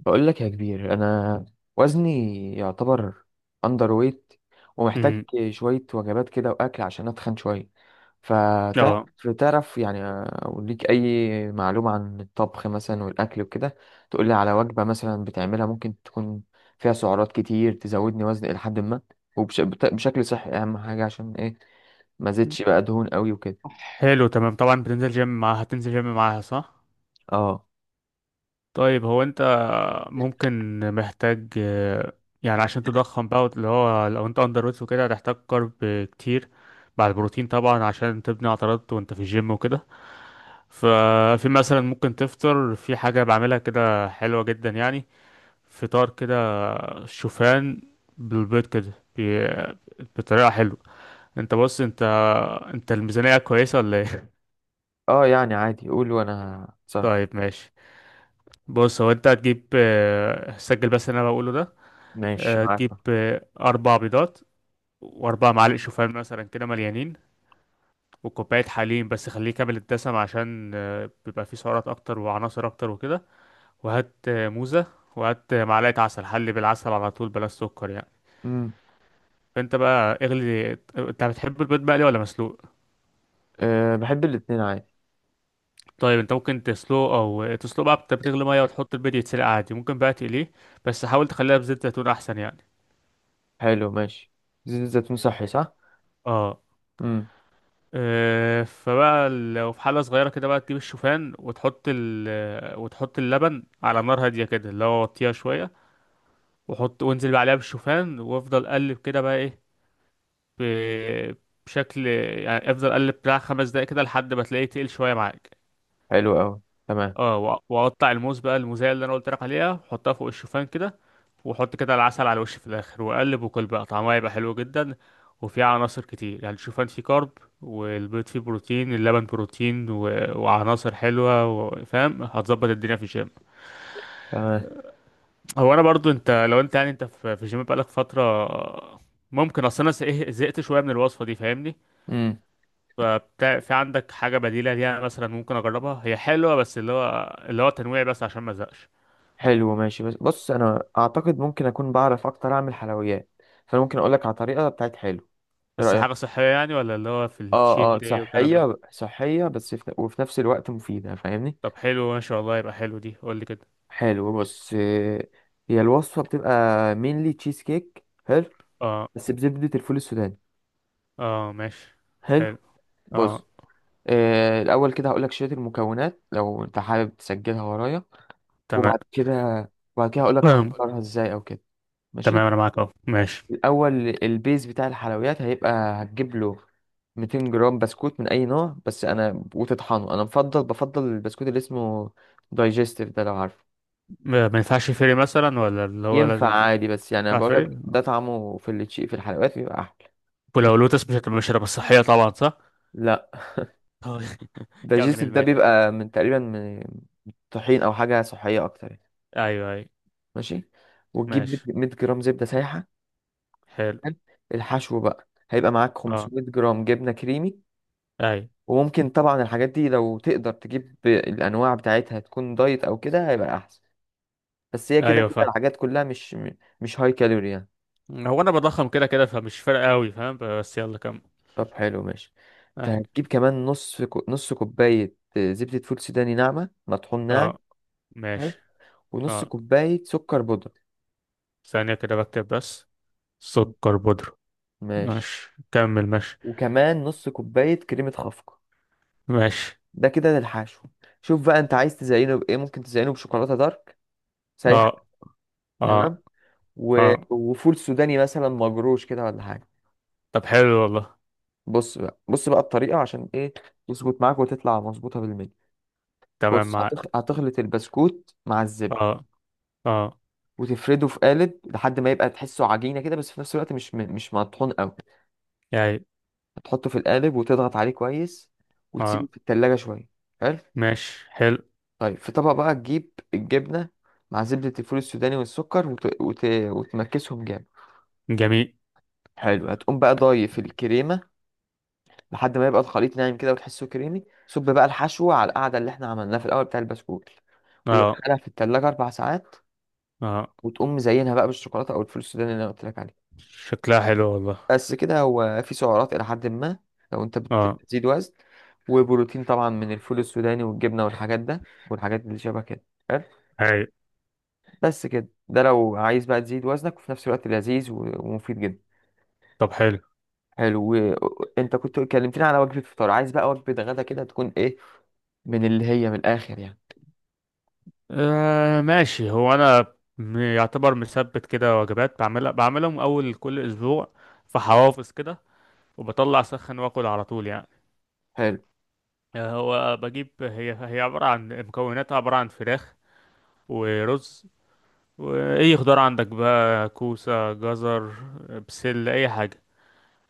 بقول لك يا كبير انا وزني يعتبر اندر ويت ومحتاج امم شويه وجبات كده واكل عشان اتخن شويه. اه، فتعرف يعني أقول ليك اي معلومه عن الطبخ مثلا والاكل وكده، تقول لي على وجبه مثلا بتعملها ممكن تكون فيها سعرات كتير تزودني وزن الى حد ما وبشكل صحي، اهم حاجه عشان ايه ما زدش بقى دهون قوي وكده. حلو تمام. طبعا بتنزل جيم معاها، هتنزل جيم معاها صح؟ اه طيب هو انت ممكن محتاج يعني عشان تضخم بقى اللي هو لو انت اندر ويت وكده هتحتاج كارب كتير مع البروتين طبعا عشان تبني عضلات وانت في الجيم وكده. ففي مثلا ممكن تفطر في حاجة بعملها كده حلوة جدا يعني، فطار كده شوفان بالبيض كده بطريقة حلوة. انت بص، انت انت الميزانية كويسة ولا ايه؟ اه، يعني عادي قول وانا صار. طيب ماشي. بص، هو انت هتجيب سجل بس اللي انا بقوله ده. ماشي معاك. هتجيب اربع بيضات واربع معالق شوفان مثلا كده مليانين، وكوباية حليب بس خليه كامل الدسم عشان بيبقى فيه سعرات اكتر وعناصر اكتر وكده. وهات موزة، وهات معلقة عسل، حلي بالعسل على طول بلا سكر يعني. امم. فانت بقى اغلي، انت بتحب البيض مقلي ولا مسلوق؟ أه بحب الاتنين عادي. طيب انت ممكن تسلقه، او تسلقه بقى بتغلي ميه وتحط البيض يتسلق عادي، ممكن بقى تقليه بس حاول تخليها بزيت زيتون احسن يعني. حلو ماشي. زيت الزيتون صحي صح؟ اه. امم. فبقى لو في حلة صغيرة كده بقى تجيب الشوفان وتحط ال وتحط اللبن على نار هادية كده، اللي هو وطيها شوية، وحط وانزل بقى عليها بالشوفان وافضل قلب كده بقى ايه ب- بشكل يعني، افضل قلب بتاع خمس دقايق كده لحد ما تلاقيه تقل شوية معاك. حلو قوي. تمام. اه، واقطع الموز بقى، الموزايه اللي انا قلت لك عليها، واحطها فوق الشوفان كده، واحط كده العسل على الوش في الاخر، واقلب، وكل بقى طعمها يبقى حلو جدا وفيه عناصر كتير. يعني الشوفان فيه كارب، والبيض فيه بروتين، اللبن بروتين وعناصر حلوه فاهم؟ هتظبط الدنيا في الجيم. تمام. هو انا برضو، انت لو انت يعني انت في الجيم بقالك فتره، ممكن اصل انا زهقت شويه من الوصفه دي، فاهمني؟ امم. فبتاع في عندك حاجه بديله ليها مثلا ممكن اجربها؟ هي حلوه بس اللي هو تنويع بس عشان ما ازهقش. حلو ماشي، بس بص انا اعتقد ممكن اكون بعرف اكتر اعمل حلويات، فانا ممكن اقول لك على طريقه بتاعت حلو، ايه بس رايك؟ حاجة صحية يعني، ولا اللي هو في الشيت اه اه، داي والكلام ده؟ صحيه صحيه، وفي نفس الوقت مفيده فاهمني. طب حلو ما شاء الله، يبقى حلو دي، قول لي كده. حلو بص، هي الوصفه بتبقى مينلي تشيز كيك حلو، اه، بس بزبده الفول السوداني. اه ماشي. حلو. حلو. بص اه الاول كده هقول لك شويه المكونات لو انت حابب تسجلها ورايا، تمام، وبعد كده وبعد كده هقول لك تمام. تحضرها ازاي او كده. تمام، ماشي. انا معاك اهو ماشي. الاول البيز بتاع الحلويات هيبقى هتجيب له 200 جرام بسكوت من اي نوع بس، انا وتطحنه، انا مفضل بفضل البسكوت اللي اسمه دايجستيف ده لو عارفه. ما ينفعش فري مثلا، ولا اللي هو ينفع لازم؟ عادي بس يعني انا ينفع بقول فري؟ لك ده طعمه في التشي في الحلويات بيبقى احلى. ولو ماشي. لوتس مش هتبقى، مش هتبقى صحية طبعا صح؟ لا. آه. دايجستيف كمل ده ماشي. بيبقى تقريبا من طحين او حاجه صحيه اكتر يعني. ايوه ايوه. ماشي، وتجيب ماشي، 100 جرام زبده سايحه. حلو. حلو؟ الحشو بقى هيبقى معاك اه. 500 جرام جبنه كريمي، ايوه وممكن طبعا الحاجات دي لو تقدر تجيب الانواع بتاعتها تكون دايت او كده هيبقى احسن، بس هي كده ايوه كده فاهم. الحاجات كلها مش م- مش هاي كالوري يعني. هو انا بضخم كده كده، فمش فارق قوي فاهم، بس يلا كمل. طب حلو ماشي. انت أيوة. هتجيب كمان نص كوباية زبدة فول سوداني ناعمة مطحون ناعم. اه حلو. ماشي. ونص اه، كوباية سكر بودرة. ثانية كده بكتب بس. م. سكر بودرة. ماشي. ماشي، كمل ماشي. وكمان نص كوباية كريمة خفق، ماشي. ده كده للحشو. شوف بقى انت عايز تزينه بايه، ممكن تزينه بشوكولاتة دارك سايحة. اه. اه. تمام. اه. وفول سوداني مثلا مجروش كده ولا حاجة. طب حلو والله. بص بقى بص بقى الطريقة عشان ايه تظبط معاك وتطلع مظبوطة بالملي. تمام بص معاك. هتخلط البسكوت مع الزبدة، اه. اه وتفرده في قالب لحد ما يبقى تحسه عجينة كده، بس في نفس الوقت مش مطحون قوي. يعني. هتحطه في القالب وتضغط عليه كويس، وتسيبه اه في التلاجة شوية. حلو. ماشي. حلو. طيب في طبق بقى تجيب الجبنة مع زبدة الفول السوداني والسكر وتمكسهم جامد. جميل. حلو، هتقوم بقى ضايف الكريمة لحد ما يبقى الخليط ناعم كده وتحسه كريمي، صب بقى الحشو على القعدة اللي احنا عملناها في الأول بتاع البسكوت، اه. ودخلها في التلاجة أربع ساعات، اه. وتقوم مزينها بقى بالشوكولاتة أو الفول السوداني اللي أنا قلت لك عليه. شكلها حلو والله. بس كده، هو في سعرات إلى حد ما لو أنت اه. بتزيد وزن، وبروتين طبعا من الفول السوداني والجبنة والحاجات ده والحاجات اللي شبه كده. حلو؟ اي. بس كده، ده لو عايز بقى تزيد وزنك وفي نفس الوقت لذيذ ومفيد جدا. طب حلو. حلو انت كنت كلمتني على وجبة فطار، عايز بقى وجبة غدا كده تكون ايه من اللي هي من الاخر يعني. آه ماشي. هو انا يعتبر مثبت كده وجبات، بعملها بعملهم اول كل اسبوع في حوافظ كده، وبطلع سخن واكل على طول يعني. حلو. هو بجيب، هي هي عبارة عن مكوناتها عبارة عن فراخ ورز، واي خضار عندك بقى كوسة جزر بسلة اي حاجة،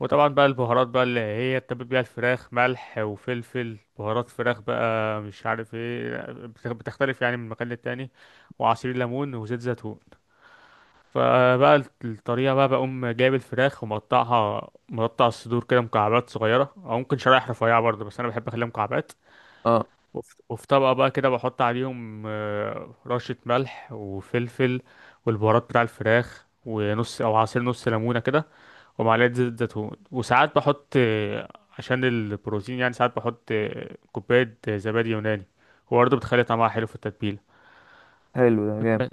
وطبعا بقى البهارات بقى اللي هي تتبل بيها الفراخ، ملح وفلفل بهارات فراخ بقى مش عارف ايه، بتختلف يعني من مكان للتاني، وعصير ليمون وزيت زيتون. فبقى الطريقة بقى، بقوم جايب الفراخ ومقطعها، مقطع الصدور كده مكعبات صغيرة أو ممكن شرايح رفيعة برضه، بس أنا بحب أخليها مكعبات. اه. وفي طبقة بقى كده بحط عليهم رشة ملح وفلفل والبهارات بتاع الفراخ، ونص أو عصير نص ليمونة كده، ومعلقة زيت زيتون. وساعات بحط عشان البروتين يعني، ساعات بحط كوباية زبادي يوناني، وبرضه بتخلي طعمها حلو في التتبيلة. حلو ده جامد.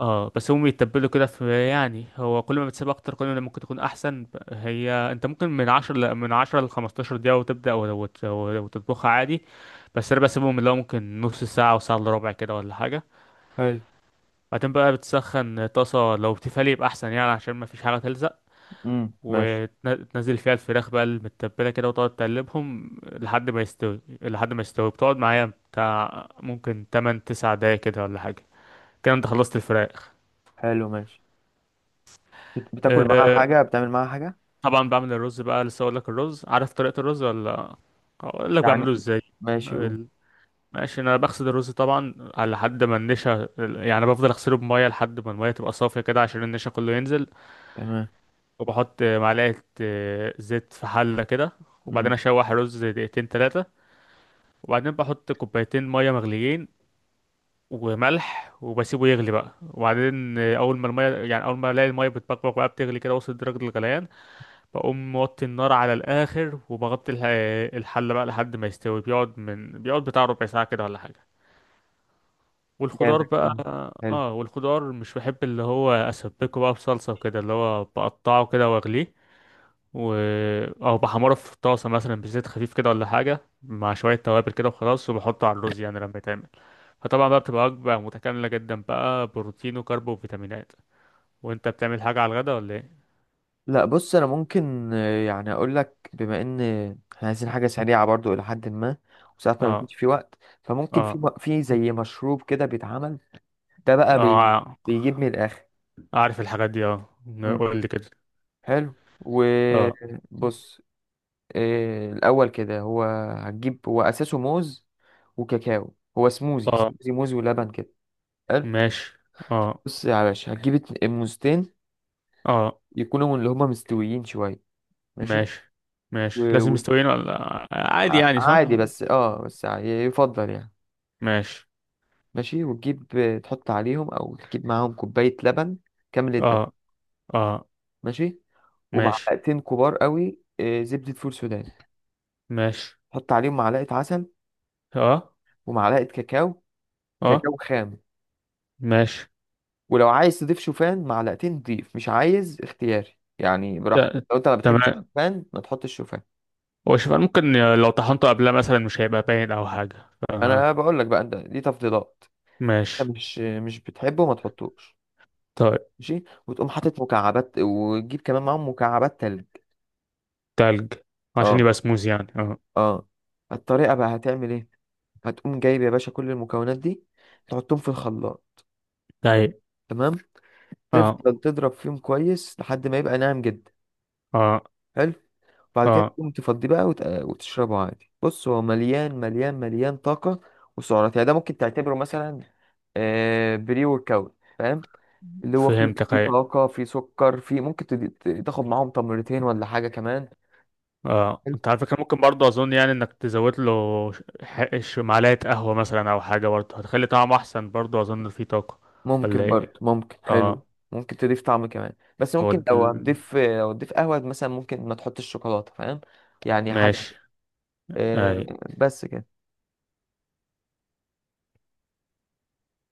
اه، بس هم يتبلوا كده في يعني، هو كل ما بتسيب اكتر كل ما ممكن تكون احسن. هي انت ممكن من 10 من 10 ل 15 دقيقة وتبدأ وتطبخها عادي، بس انا بسيبهم اللي هو ممكن نص ساعة وساعة الا ربع كده ولا حاجة. حلو. بعدين بقى بتسخن طاسة، لو تيفال يبقى احسن يعني عشان ما فيش حاجة تلزق، ماشي. وتنزل فيها الفراخ بقى المتبلة كده، وتقعد تقلبهم لحد ما يستوي، لحد ما يستوي بتقعد معايا بتاع ممكن 8 9 دقايق كده ولا حاجة، كده انت خلصت الفراخ. حلو ماشي. بتاكل معاها حاجة، بتعمل معاها حاجة طبعا بعمل الرز بقى لسه اقول لك، الرز عارف طريقة الرز؟ ولا اقول لك يعني. بعمله ازاي؟ ماشي أوه. ال- ماشي، انا بغسل الرز طبعا على حد ما النشا يعني، بفضل اغسله بميه لحد ما الميه تبقى صافيه كده عشان النشا كله ينزل. تمام. وبحط معلقه زيت في حله كده، وبعدين امم. اشوح الرز دقيقتين ثلاثه، وبعدين بحط كوبايتين ميه مغليين وملح، وبسيبه يغلي بقى. وبعدين اول ما الميه يعني اول ما الاقي الميه بتبقبق بقى، بتغلي كده، وصلت درجه الغليان، بقوم موطي النار على الآخر وبغطي الحلة بقى لحد ما يستوي. بيقعد من بيقعد بتاع ربع ساعة كده ولا حاجة. والخضار جامد بقى، اه. حلو. اه، والخضار مش بحب اللي هو اسبكه بقى بصلصة وكده، اللي هو بقطعه كده واغليه و... او بحمره في طاسة مثلا بزيت خفيف كده ولا حاجة، مع شوية توابل كده وخلاص، وبحطه على الرز يعني لما يتعمل. فطبعا بقى بتبقى وجبة متكاملة جدا بقى، بروتين وكارب وفيتامينات. وانت بتعمل حاجة على الغدا ولا ايه؟ لا بص أنا ممكن يعني أقول لك بما إن إحنا عايزين حاجة سريعة برضو إلى حد ما، وساعات ما اه. بيكونش في وقت. فممكن اه. في زي مشروب كده بيتعمل، ده بقى بي اه بيجيب من الآخر. عارف الحاجات دي اه. امم. قول لي كده. حلو. اه. وبص، الأول كده هو هتجيب هو أساسه موز وكاكاو، هو سموزي، اه سموزي موز ولبن كده. حلو. ماشي. اه. بص يا باشا هتجيب موزتين اه يكونوا من اللي هما مستويين شوية. ماشي. ماشي. ماشي و... لازم و... مستويين ولا عادي يعني صح؟ عادي بس اه بس يفضل يعني. ماشي. ماشي، وتجيب تحط عليهم او تجيب معاهم كوباية لبن كامل الدسم. اه. اه ماشي. ماشي. ومعلقتين كبار قوي زبدة فول سوداني، ماشي. تحط عليهم معلقة عسل، اه. ومعلقة كاكاو، اه كاكاو خام. ماشي. ولو عايز تضيف شوفان معلقتين ضيف، مش عايز اختياري يعني براحتك، ت- لو انت ما بتحبش تمام. الشوفان ما تحطش شوفان. هو شوف، أنا ممكن لو طحنته قبلها مثلا مش هيبقى باين او حاجة. آه انا بقول لك بقى انت دي تفضيلات، انت ماشي. مش بتحبه ما تحطوش. طيب. ماشي، وتقوم حاطط مكعبات، وتجيب كمان معاهم مكعبات تلج. تلج، عشان يبقى اه سموز يعني اه. اه. الطريقه بقى هتعمل ايه، هتقوم جايب يا باشا كل المكونات دي تحطهم في الخلاط. طيب. تمام، اه. تفضل تضرب فيهم كويس لحد ما يبقى ناعم جدا. اه. حلو. بعد كده اه. تقوم تفضيه بقى وت- وتشربه عادي. بص هو مليان مليان مليان طاقة وسعرات يعني، ده ممكن تعتبره مثلا بري ورك اوت فاهم، اللي هو فيه فهمتك فيه أيوة. طاقة فيه سكر، فيه ممكن تاخد معاهم تمرتين ولا حاجة كمان. اه، حلو. انت على فكرة ممكن برضه اظن يعني انك تزود له معلقة قهوة مثلا او حاجة، برضه هتخلي طعمه احسن برضه اظن فيه طاقة، ولا ممكن ايه؟ برضه، ممكن حلو. اه. ممكن تضيف طعم كمان، بس هو ممكن لو دل... هتضيف لو هتضيف قهوة مثلا ممكن ما تحطش شوكولاتة فاهم، يعني حاجة. ماشي. آه، اي. بس كده.